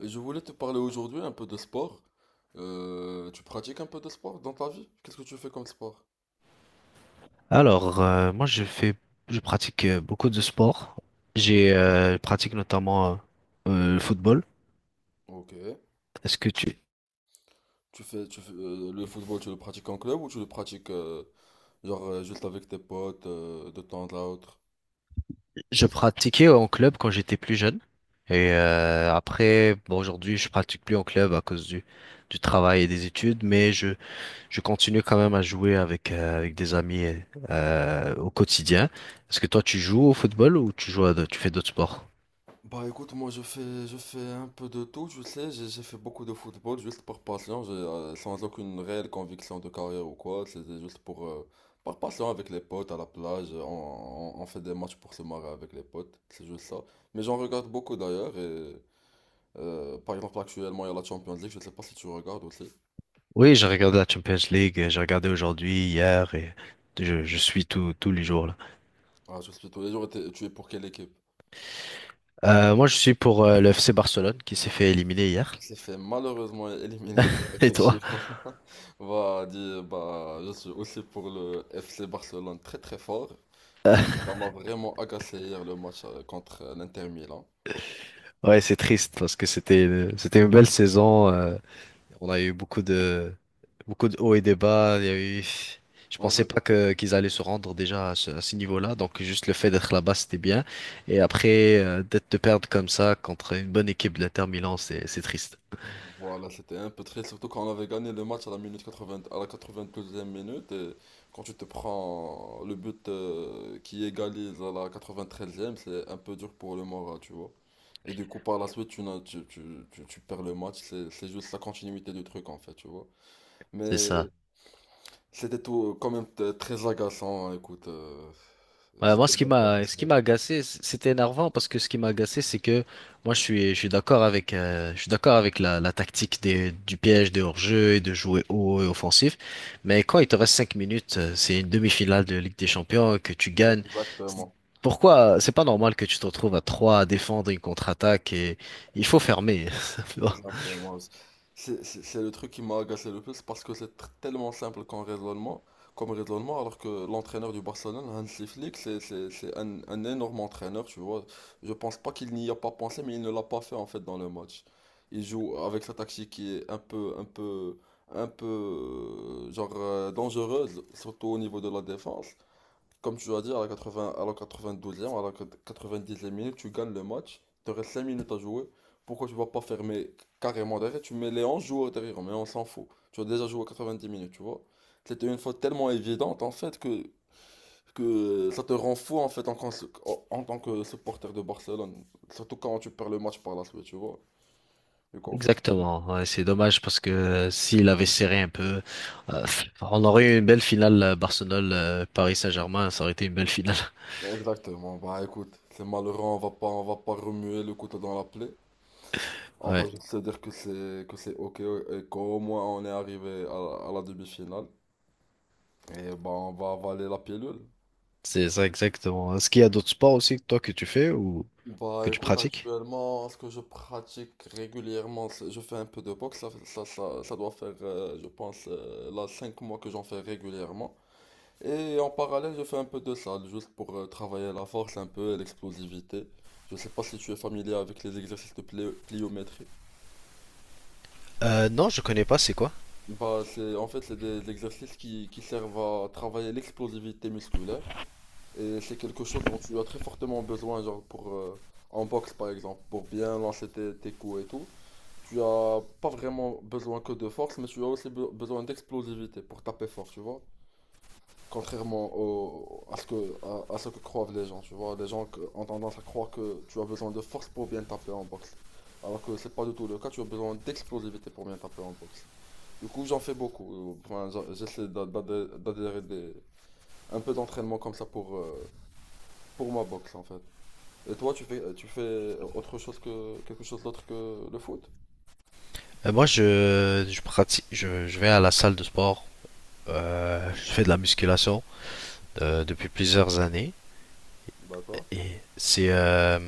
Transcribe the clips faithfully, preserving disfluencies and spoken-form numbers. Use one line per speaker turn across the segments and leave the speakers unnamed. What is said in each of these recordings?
Et je voulais te parler aujourd'hui un peu de sport. Euh, tu pratiques un peu de sport dans ta vie? Qu'est-ce que tu fais comme sport?
Alors, euh, moi, je fais, je pratique euh, beaucoup de sports.
Mm.
J'ai, euh, je pratique notamment euh, euh, le football.
Ok.
Est-ce que tu...
Tu fais, tu fais, euh, le football, tu le pratiques en club ou tu le pratiques, euh, genre, euh, juste avec tes potes, euh, de temps à autre?
Je pratiquais en club quand j'étais plus jeune. Et euh, après, bon, aujourd'hui, je pratique plus en club à cause du, du travail et des études, mais je, je continue quand même à jouer avec, euh, avec des amis euh, au quotidien. Est-ce que toi, tu joues au football ou tu joues à, d'autres- tu fais d'autres sports?
Bah écoute, moi je fais, je fais un peu de tout, tu sais, j'ai j'ai fait beaucoup de football juste par passion, j'ai, euh, sans aucune réelle conviction de carrière ou quoi, c'était juste pour, euh, par passion avec les potes à la plage, on, on- on fait des matchs pour se marrer avec les potes, c'est juste ça. Mais j'en regarde beaucoup d'ailleurs, et euh, par exemple actuellement il y a la Champions League, je sais pas si tu regardes aussi.
Oui, j'ai regardé la Champions League, j'ai regardé aujourd'hui, hier, et je, je suis tout, tous les jours là.
Ah, je suis tous les jours, et t'es- tu es pour quelle équipe?
Euh, moi, je suis pour euh, le F C Barcelone qui s'est fait éliminer hier.
Il s'est fait malheureusement éliminer,
Et toi?
effectivement. Bah, dit, bah, je suis aussi pour le F C Barcelone très très fort. Du coup, ça m'a vraiment agacé hier le match, euh, contre, euh, l'Inter Milan.
Ouais, c'est triste parce que c'était euh, c'était une belle saison. Euh, on a eu beaucoup de beaucoup de hauts et des bas. Il y a eu, Je
En
pensais
vrai,
pas que qu'ils allaient se rendre déjà à ce, à ce niveau-là. Donc juste le fait d'être là-bas, c'était bien. Et après euh, d'être de perdre comme ça contre une bonne équipe de l'Inter Milan, c'est c'est triste.
voilà, c'était un peu triste, surtout quand on avait gagné le match à la minute quatre-vingts, à la quatre vingt e minute. Et quand tu te prends le but, euh, qui égalise à la quatre-vingt-treizième, c'est un peu dur pour le moral, tu vois. Et du coup, par la suite, tu, n'as- tu, tu, tu, tu perds le match. C'est c'est juste la continuité du truc, en fait, tu vois.
C'est
Mais
ça.
c'était tout, euh, quand même t- très agaçant, hein, écoute. euh,
Ouais, moi,
j'étais
ce qui
un peu
m'a, ce qui
agacé.
m'a agacé, c- c'était énervant parce que ce qui m'a agacé, c'est que moi, je suis, je suis d'accord avec, euh, je suis d'accord avec la, la tactique des, du piège, de hors-jeu et de jouer haut et offensif. Mais quand il te reste cinq minutes, euh, c'est une demi-finale de Ligue des Champions que tu gagnes. C'est-
Exactement.
Pourquoi? C'est pas normal que tu te retrouves à trois à défendre une contre-attaque et il faut fermer.
Exactement. C'est c'est- c'est le truc qui m'a agacé le plus parce que c'est tr- tellement simple comme raisonnement, comme raisonnement, alors que l'entraîneur du Barcelone, Hansi Flick, c'est c'est- c'est un, un énorme entraîneur, tu vois. Je pense pas qu'il n'y a pas pensé, mais il ne l'a pas fait en fait dans le match. Il joue avec sa tactique qui est un peu, un peu, un peu, euh, genre, euh, dangereuse, surtout au niveau de la défense. Comme tu dois dire à la quatre-vingtième, à la quatre-vingt-douzième, à la quatre-vingt-dixième minute, tu gagnes le match. Il te reste cinq minutes à jouer. Pourquoi tu vas pas fermer carrément derrière? Tu mets les onze joueurs derrière, mais on s'en fout. Tu as déjà joué quatre-vingt-dix minutes, tu vois. C'était une faute tellement évidente, en fait, que, que ça te rend fou, en fait, en, cons- en- en tant que supporter de Barcelone. Surtout quand tu perds le match par la suite, tu vois. Du coup, en fait,
Exactement, ouais, c'est dommage parce que euh, s'il avait serré un peu, euh, on aurait eu une belle finale euh, Barcelone-Paris Saint-Germain, ça aurait été une belle finale.
exactement. Bah, écoute, c'est malheureux, on va pas, on va pas remuer le couteau dans la plaie. On va
Ouais,
juste se dire que c'est que c'est ok et qu'au moins on est arrivé à, la à la demi-finale. Et ben on va avaler la pilule.
c'est ça exactement. Est-ce qu'il y a d'autres sports aussi que toi que tu fais ou
Bah
que tu
écoute,
pratiques?
actuellement, ce que je pratique régulièrement, c'est- je fais un peu de boxe. Ça, ça, ça, ça doit faire, euh, je pense, euh, là cinq mois que j'en fais régulièrement. Et en parallèle, je fais un peu de salle, juste pour, euh, travailler la force un peu et l'explosivité. Je sais pas si tu es familier avec les exercices de plé- pliométrie.
Euh, non, je connais pas, c'est quoi?
Bah, c'est, en fait, c'est des, des exercices qui, qui servent à travailler l'explosivité musculaire. Et c'est quelque chose dont tu as très fortement besoin, genre pour, euh, en boxe par exemple, pour bien lancer tes, tes coups et tout. Tu as pas vraiment besoin que de force, mais tu as aussi be- besoin d'explosivité pour taper fort, tu vois. Contrairement au, à ce que, à, à ce que croient les gens, tu vois. Les gens que- ont tendance à croire que tu as besoin de force pour bien taper en boxe. Alors que c'est pas du tout le cas, tu as besoin d'explosivité pour bien taper en boxe. Du coup, j'en fais beaucoup. Enfin, j'a- j'essaie d'a- d'adhé- d'adhérer des- un peu d'entraînement comme ça pour, euh, pour ma boxe en fait. Et toi, tu fais, tu fais autre chose que quelque chose d'autre que le foot?
Euh, moi, je, je pratique, je, je vais à la salle de sport, euh, je fais de la musculation euh, depuis plusieurs années
D'accord.
et c'est, euh,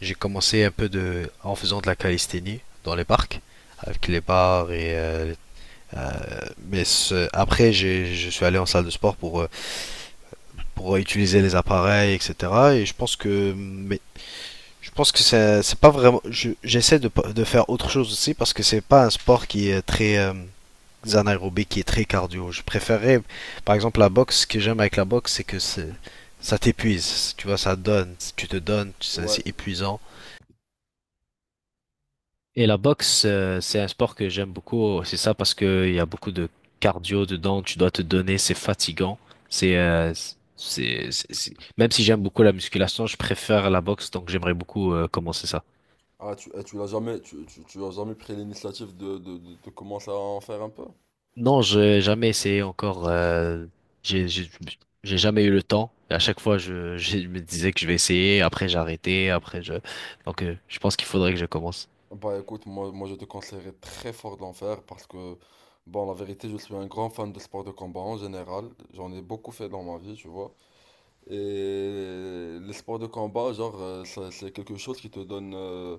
j'ai commencé un peu de, en faisant de la calisthénie dans les parcs avec les barres et euh, mais ce- après, j'ai, je suis allé en salle de sport pour, euh, pour utiliser les appareils, et cetera. Et je pense que, mais je pense que c'est, c'est pas vraiment. Je- j'essaie de, pas- de faire autre chose aussi parce que c'est pas un sport qui est très euh, anaérobique, qui est très cardio. Je préférais, par exemple, la boxe. Ce que j'aime avec la boxe, c'est que c'est, ça t'épuise. Tu vois, ça donne. Tu te donnes. C'est,
Ouais.
c'est épuisant. Et la boxe, euh, c'est un sport que j'aime beaucoup. C'est ça parce que il y a beaucoup de cardio dedans. Tu dois te donner. C'est fatigant. C'est, euh, c'est, c'est- c'est- Même si j'aime beaucoup la musculation, je préfère la boxe. Donc j'aimerais beaucoup euh, commencer ça.
Ah, tu, eh, tu l'as jamais, tu, tu, tu as jamais pris l'initiative de, de, de, de commencer à en faire un peu?
Non, j'ai jamais essayé encore. euh, j'ai, j'ai, j'ai jamais eu le temps. Et à chaque fois, je, je me disais que je vais essayer. Après, j'ai arrêté. Après, je. Donc, euh, je pense qu'il faudrait que je commence.
Bah écoute, moi, moi je te conseillerais très fort d'en faire parce que, bon, la vérité, je suis un grand fan de sport de combat en général. J'en ai beaucoup fait dans ma vie, tu vois. Et les sports de combat, genre, euh, ça- c'est quelque chose qui te donne, euh,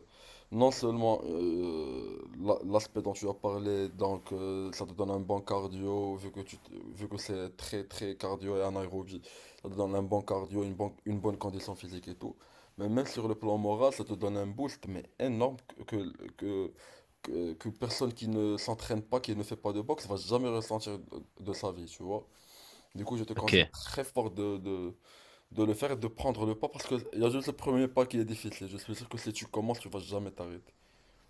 non seulement, euh, la- l'aspect dont tu as parlé, donc, euh, ça te donne un bon cardio, vu que tu, te- vu que c'est très très cardio et anaérobie, ça te donne un bon cardio, une bonne, une bonne condition physique et tout. Mais même sur le plan moral, ça te donne un boost, mais énorme que, que, que, que personne qui ne s'entraîne pas, qui ne fait pas de boxe, va jamais ressentir de, de sa vie, tu vois. Du coup, je te
Ok.
conseille très fort de, de, de le faire et de prendre le pas parce que il y a juste le premier pas qui est difficile. Je suis sûr que si tu commences, tu vas jamais t'arrêter.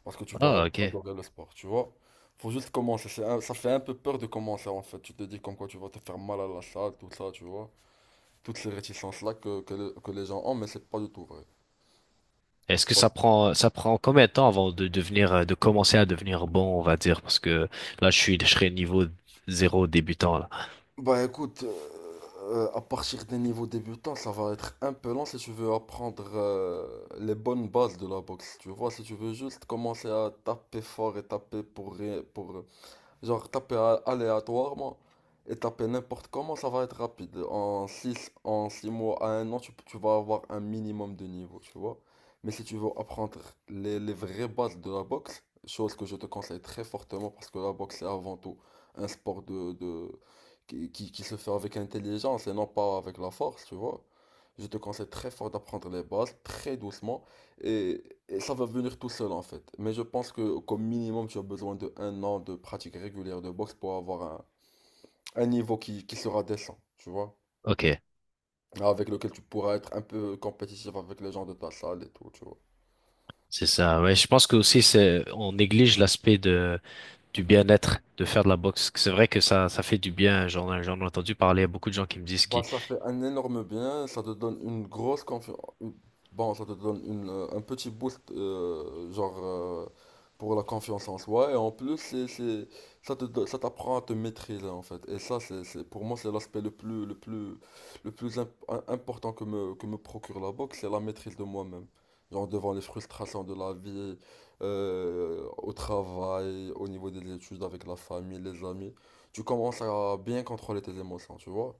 Parce que tu vas
Ah, ok.
adorer le sport, tu vois. Faut juste commencer. C'est un- ça fait un peu peur de commencer en fait. Tu te dis comme quoi tu vas te faire mal à la salle, tout ça, tu vois. Toutes ces réticences-là que, que, le- que les gens ont, mais c'est pas du tout vrai.
Est-ce
Tu
que
vois.
ça prend ça prend combien de temps avant de devenir euh, de commencer à devenir bon, on va dire, parce que là je suis je serais niveau zéro débutant là.
Bah écoute, euh, euh, à partir des niveaux débutants, ça va être un peu lent si tu veux apprendre, euh, les bonnes bases de la boxe. Tu vois, si tu veux juste commencer à taper fort et taper pour rien, pour, genre taper a- aléatoirement et taper n'importe comment, ça va être rapide. En six en six mois à un an, tu, tu vas avoir un minimum de niveau, tu vois. Mais si tu veux apprendre les, les vraies bases de la boxe, chose que je te conseille très fortement parce que la boxe c'est avant tout un sport de, de, qui, qui, qui se fait avec intelligence et non pas avec la force, tu vois. Je te conseille très fort d'apprendre les bases, très doucement. Et, et ça va venir tout seul en fait. Mais je pense que comme minimum, tu as besoin de un an de pratique régulière de boxe pour avoir un, un niveau qui, qui sera décent, tu vois.
Ok,
Avec lequel tu pourras être un peu compétitif avec les gens de ta salle et tout, tu vois.
c'est ça. Ouais, je pense que aussi c'est on néglige l'aspect de du bien-être de faire de la boxe. C'est vrai que ça ça fait du bien. J'en j'en ai entendu parler à beaucoup de gens qui me disent
Bah,
qui
ça fait un énorme bien, ça te donne une grosse confiance. Bon, ça te donne une, euh, un petit boost, euh, genre, euh, pour la confiance en soi. Et en plus, c'est, c'est, ça te, do- ça t'apprend à te maîtriser, en fait. Et ça, c'est, c'est, pour moi, c'est l'aspect le plus, le plus, le plus imp- im- important que me, que me procure la boxe, c'est la maîtrise de moi-même. Genre, devant les frustrations de la vie, euh, au travail, au niveau des études, avec la famille, les amis. Tu commences à bien contrôler tes émotions, tu vois.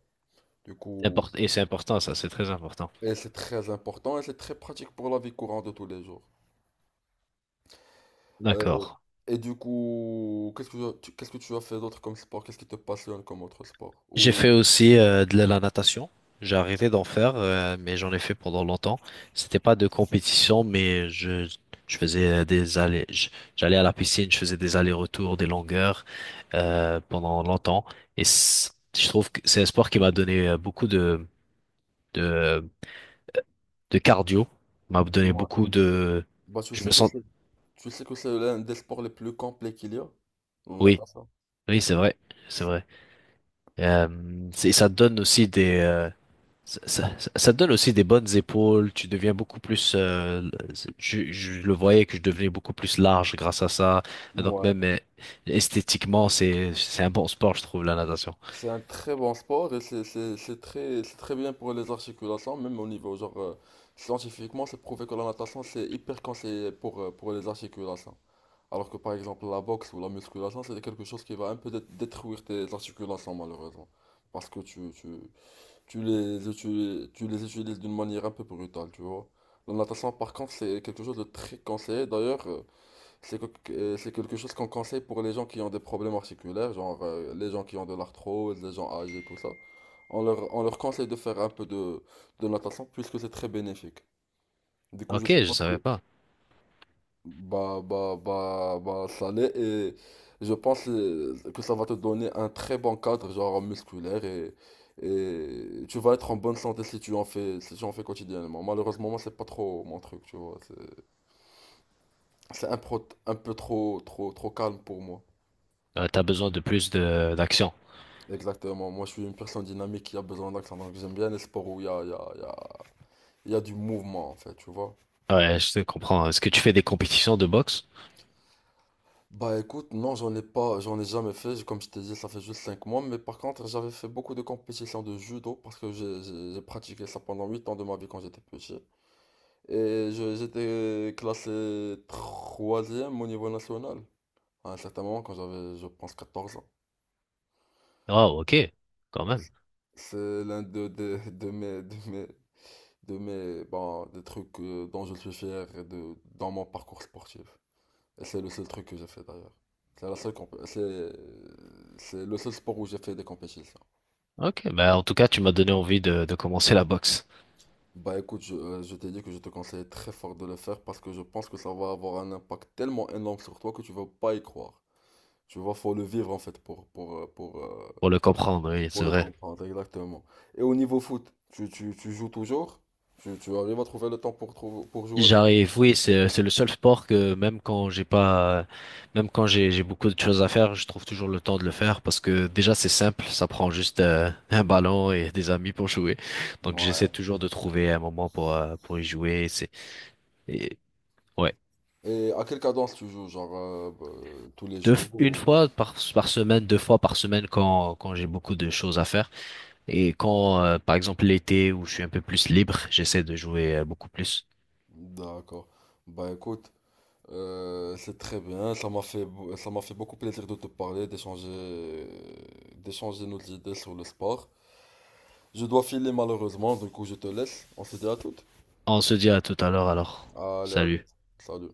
Du coup,
et c'est important ça, c'est très important.
et c'est très important et c'est très pratique pour la vie courante de tous les jours. Euh,
D'accord.
et du coup, qu'est-ce que tu, qu'est-ce que tu as fait d'autre comme sport? Qu'est-ce qui te passionne comme autre sport?
J'ai
Ou,
fait aussi euh, de la natation. J'ai arrêté d'en faire, euh, mais j'en ai fait pendant longtemps. C'était pas de compétition, mais je, je faisais euh, des allers, je- j'allais à la piscine, je faisais des allers-retours, des longueurs euh, pendant longtemps. Et c- je trouve que c'est un sport qui m'a donné euh, beaucoup de, de, de cardio, m'a donné
ouais.
beaucoup de.
Bah, tu
Je
sais
me
que
sens.
c'est, tu sais que c'est l'un des sports les plus complets qu'il y a, la
Oui,
natation.
oui, c'est vrai, c'est vrai. Euh, c'est- ça te donne aussi des, euh, Ça, ça- ça- te donne aussi des bonnes épaules, tu deviens beaucoup plus... euh, je, je le voyais que je devenais beaucoup plus large grâce à ça. Donc
Ouais,
même euh, esthétiquement, c'est, c'est un bon sport, je trouve, la natation.
c'est un très bon sport et c'est c'est- c'est très, c'est très bien pour les articulations, même au niveau genre, euh, scientifiquement, c'est prouvé que la natation c'est hyper conseillé pour, euh, pour les articulations. Alors que par exemple la boxe ou la musculation, c'est quelque chose qui va un peu dé- détruire tes articulations malheureusement. Parce que tu, tu, tu les utilises, tu les utilises d'une manière un peu brutale, tu vois. La natation par contre, c'est quelque chose de très conseillé. D'ailleurs, euh, c'est que- que- euh, c'est quelque chose qu'on conseille pour les gens qui ont des problèmes articulaires, genre, euh, les gens qui ont de l'arthrose, les gens âgés, tout ça. On leur, on leur conseille de faire un peu de, de natation puisque c'est très bénéfique. Du coup, je
Ok, je
suppose que,
savais pas.
bah, bah, bah, bah, ça l'est et je pense, euh, que ça va te donner un très bon cadre, genre musculaire et, et tu vas être en bonne santé si tu en fais, si tu en fais quotidiennement. Malheureusement, moi, c'est pas trop mon truc, tu vois. C'est, c'est un, pro- un peu trop, trop, trop calme pour moi.
Euh, t'as besoin de plus de d'action.
Exactement. Moi, je suis une personne dynamique qui a besoin d'action, donc j'aime bien les sports où il y a, il y a, il y a, il y a du mouvement, en fait, tu vois.
Ouais, je te comprends. Est-ce que tu fais des compétitions de boxe?
Bah écoute, non, j'en ai pas, j'en ai jamais fait. J- Comme je t'ai dit, ça fait juste cinq mois. Mais par contre, j'avais fait beaucoup de compétitions de judo parce que j'ai j'ai- j'ai pratiqué ça pendant huit ans de ma vie quand j'étais petit. Et je- j'étais classé troisième au niveau national à un certain moment quand j'avais, je pense, quatorze ans.
Oh, ok, quand même.
C'est l'un de, de, de mes, de mes, de mes, bon, des trucs, euh, dont je suis fier et de, dans mon parcours sportif. C'est le seul truc que j'ai fait d'ailleurs. C'est la seule comp- c'est c'est le seul sport où j'ai fait des compétitions.
Ok, bah en tout cas, tu m'as donné envie de, de commencer la boxe
Bah écoute, je, euh, je t'ai dit que je te conseille très fort de le faire parce que je pense que ça va avoir un impact tellement énorme sur toi que tu vas pas y croire. Tu vois, faut le vivre en fait pour pour euh, pour euh,
pour le comprendre, oui,
pour
c'est
le
vrai.
comprendre exactement. Et au niveau foot, tu, tu, tu joues toujours? Tu, tu arrives à trouver le temps pour trou- pour jouer
J'arrive,
régulièrement?
oui, c'est c'est le seul sport que même quand j'ai pas, même quand j'ai j'ai beaucoup de choses à faire, je trouve toujours le temps de le faire parce que déjà c'est simple, ça prend juste euh, un ballon et des amis pour jouer. Donc j'essaie
Ouais.
toujours de trouver un moment pour euh, pour y jouer. C'est et, ouais,
Et à quelle cadence tu joues? Genre, euh, bah, tous les
deux,
jours?
une
ou-
fois par par semaine, deux fois par semaine quand quand j'ai beaucoup de choses à faire et quand euh, par exemple l'été où je suis un peu plus libre, j'essaie de jouer euh, beaucoup plus.
D'accord. Bah écoute. Euh, c'est très bien, ça m'a fait, beau- ça m'a fait beaucoup plaisir de te parler, d'échanger, d'échanger nos idées sur le sport. Je dois filer malheureusement, du coup je te laisse. On se dit à toutes.
On se dit à tout à l'heure alors.
Allez, à
Salut.
toutes. Salut.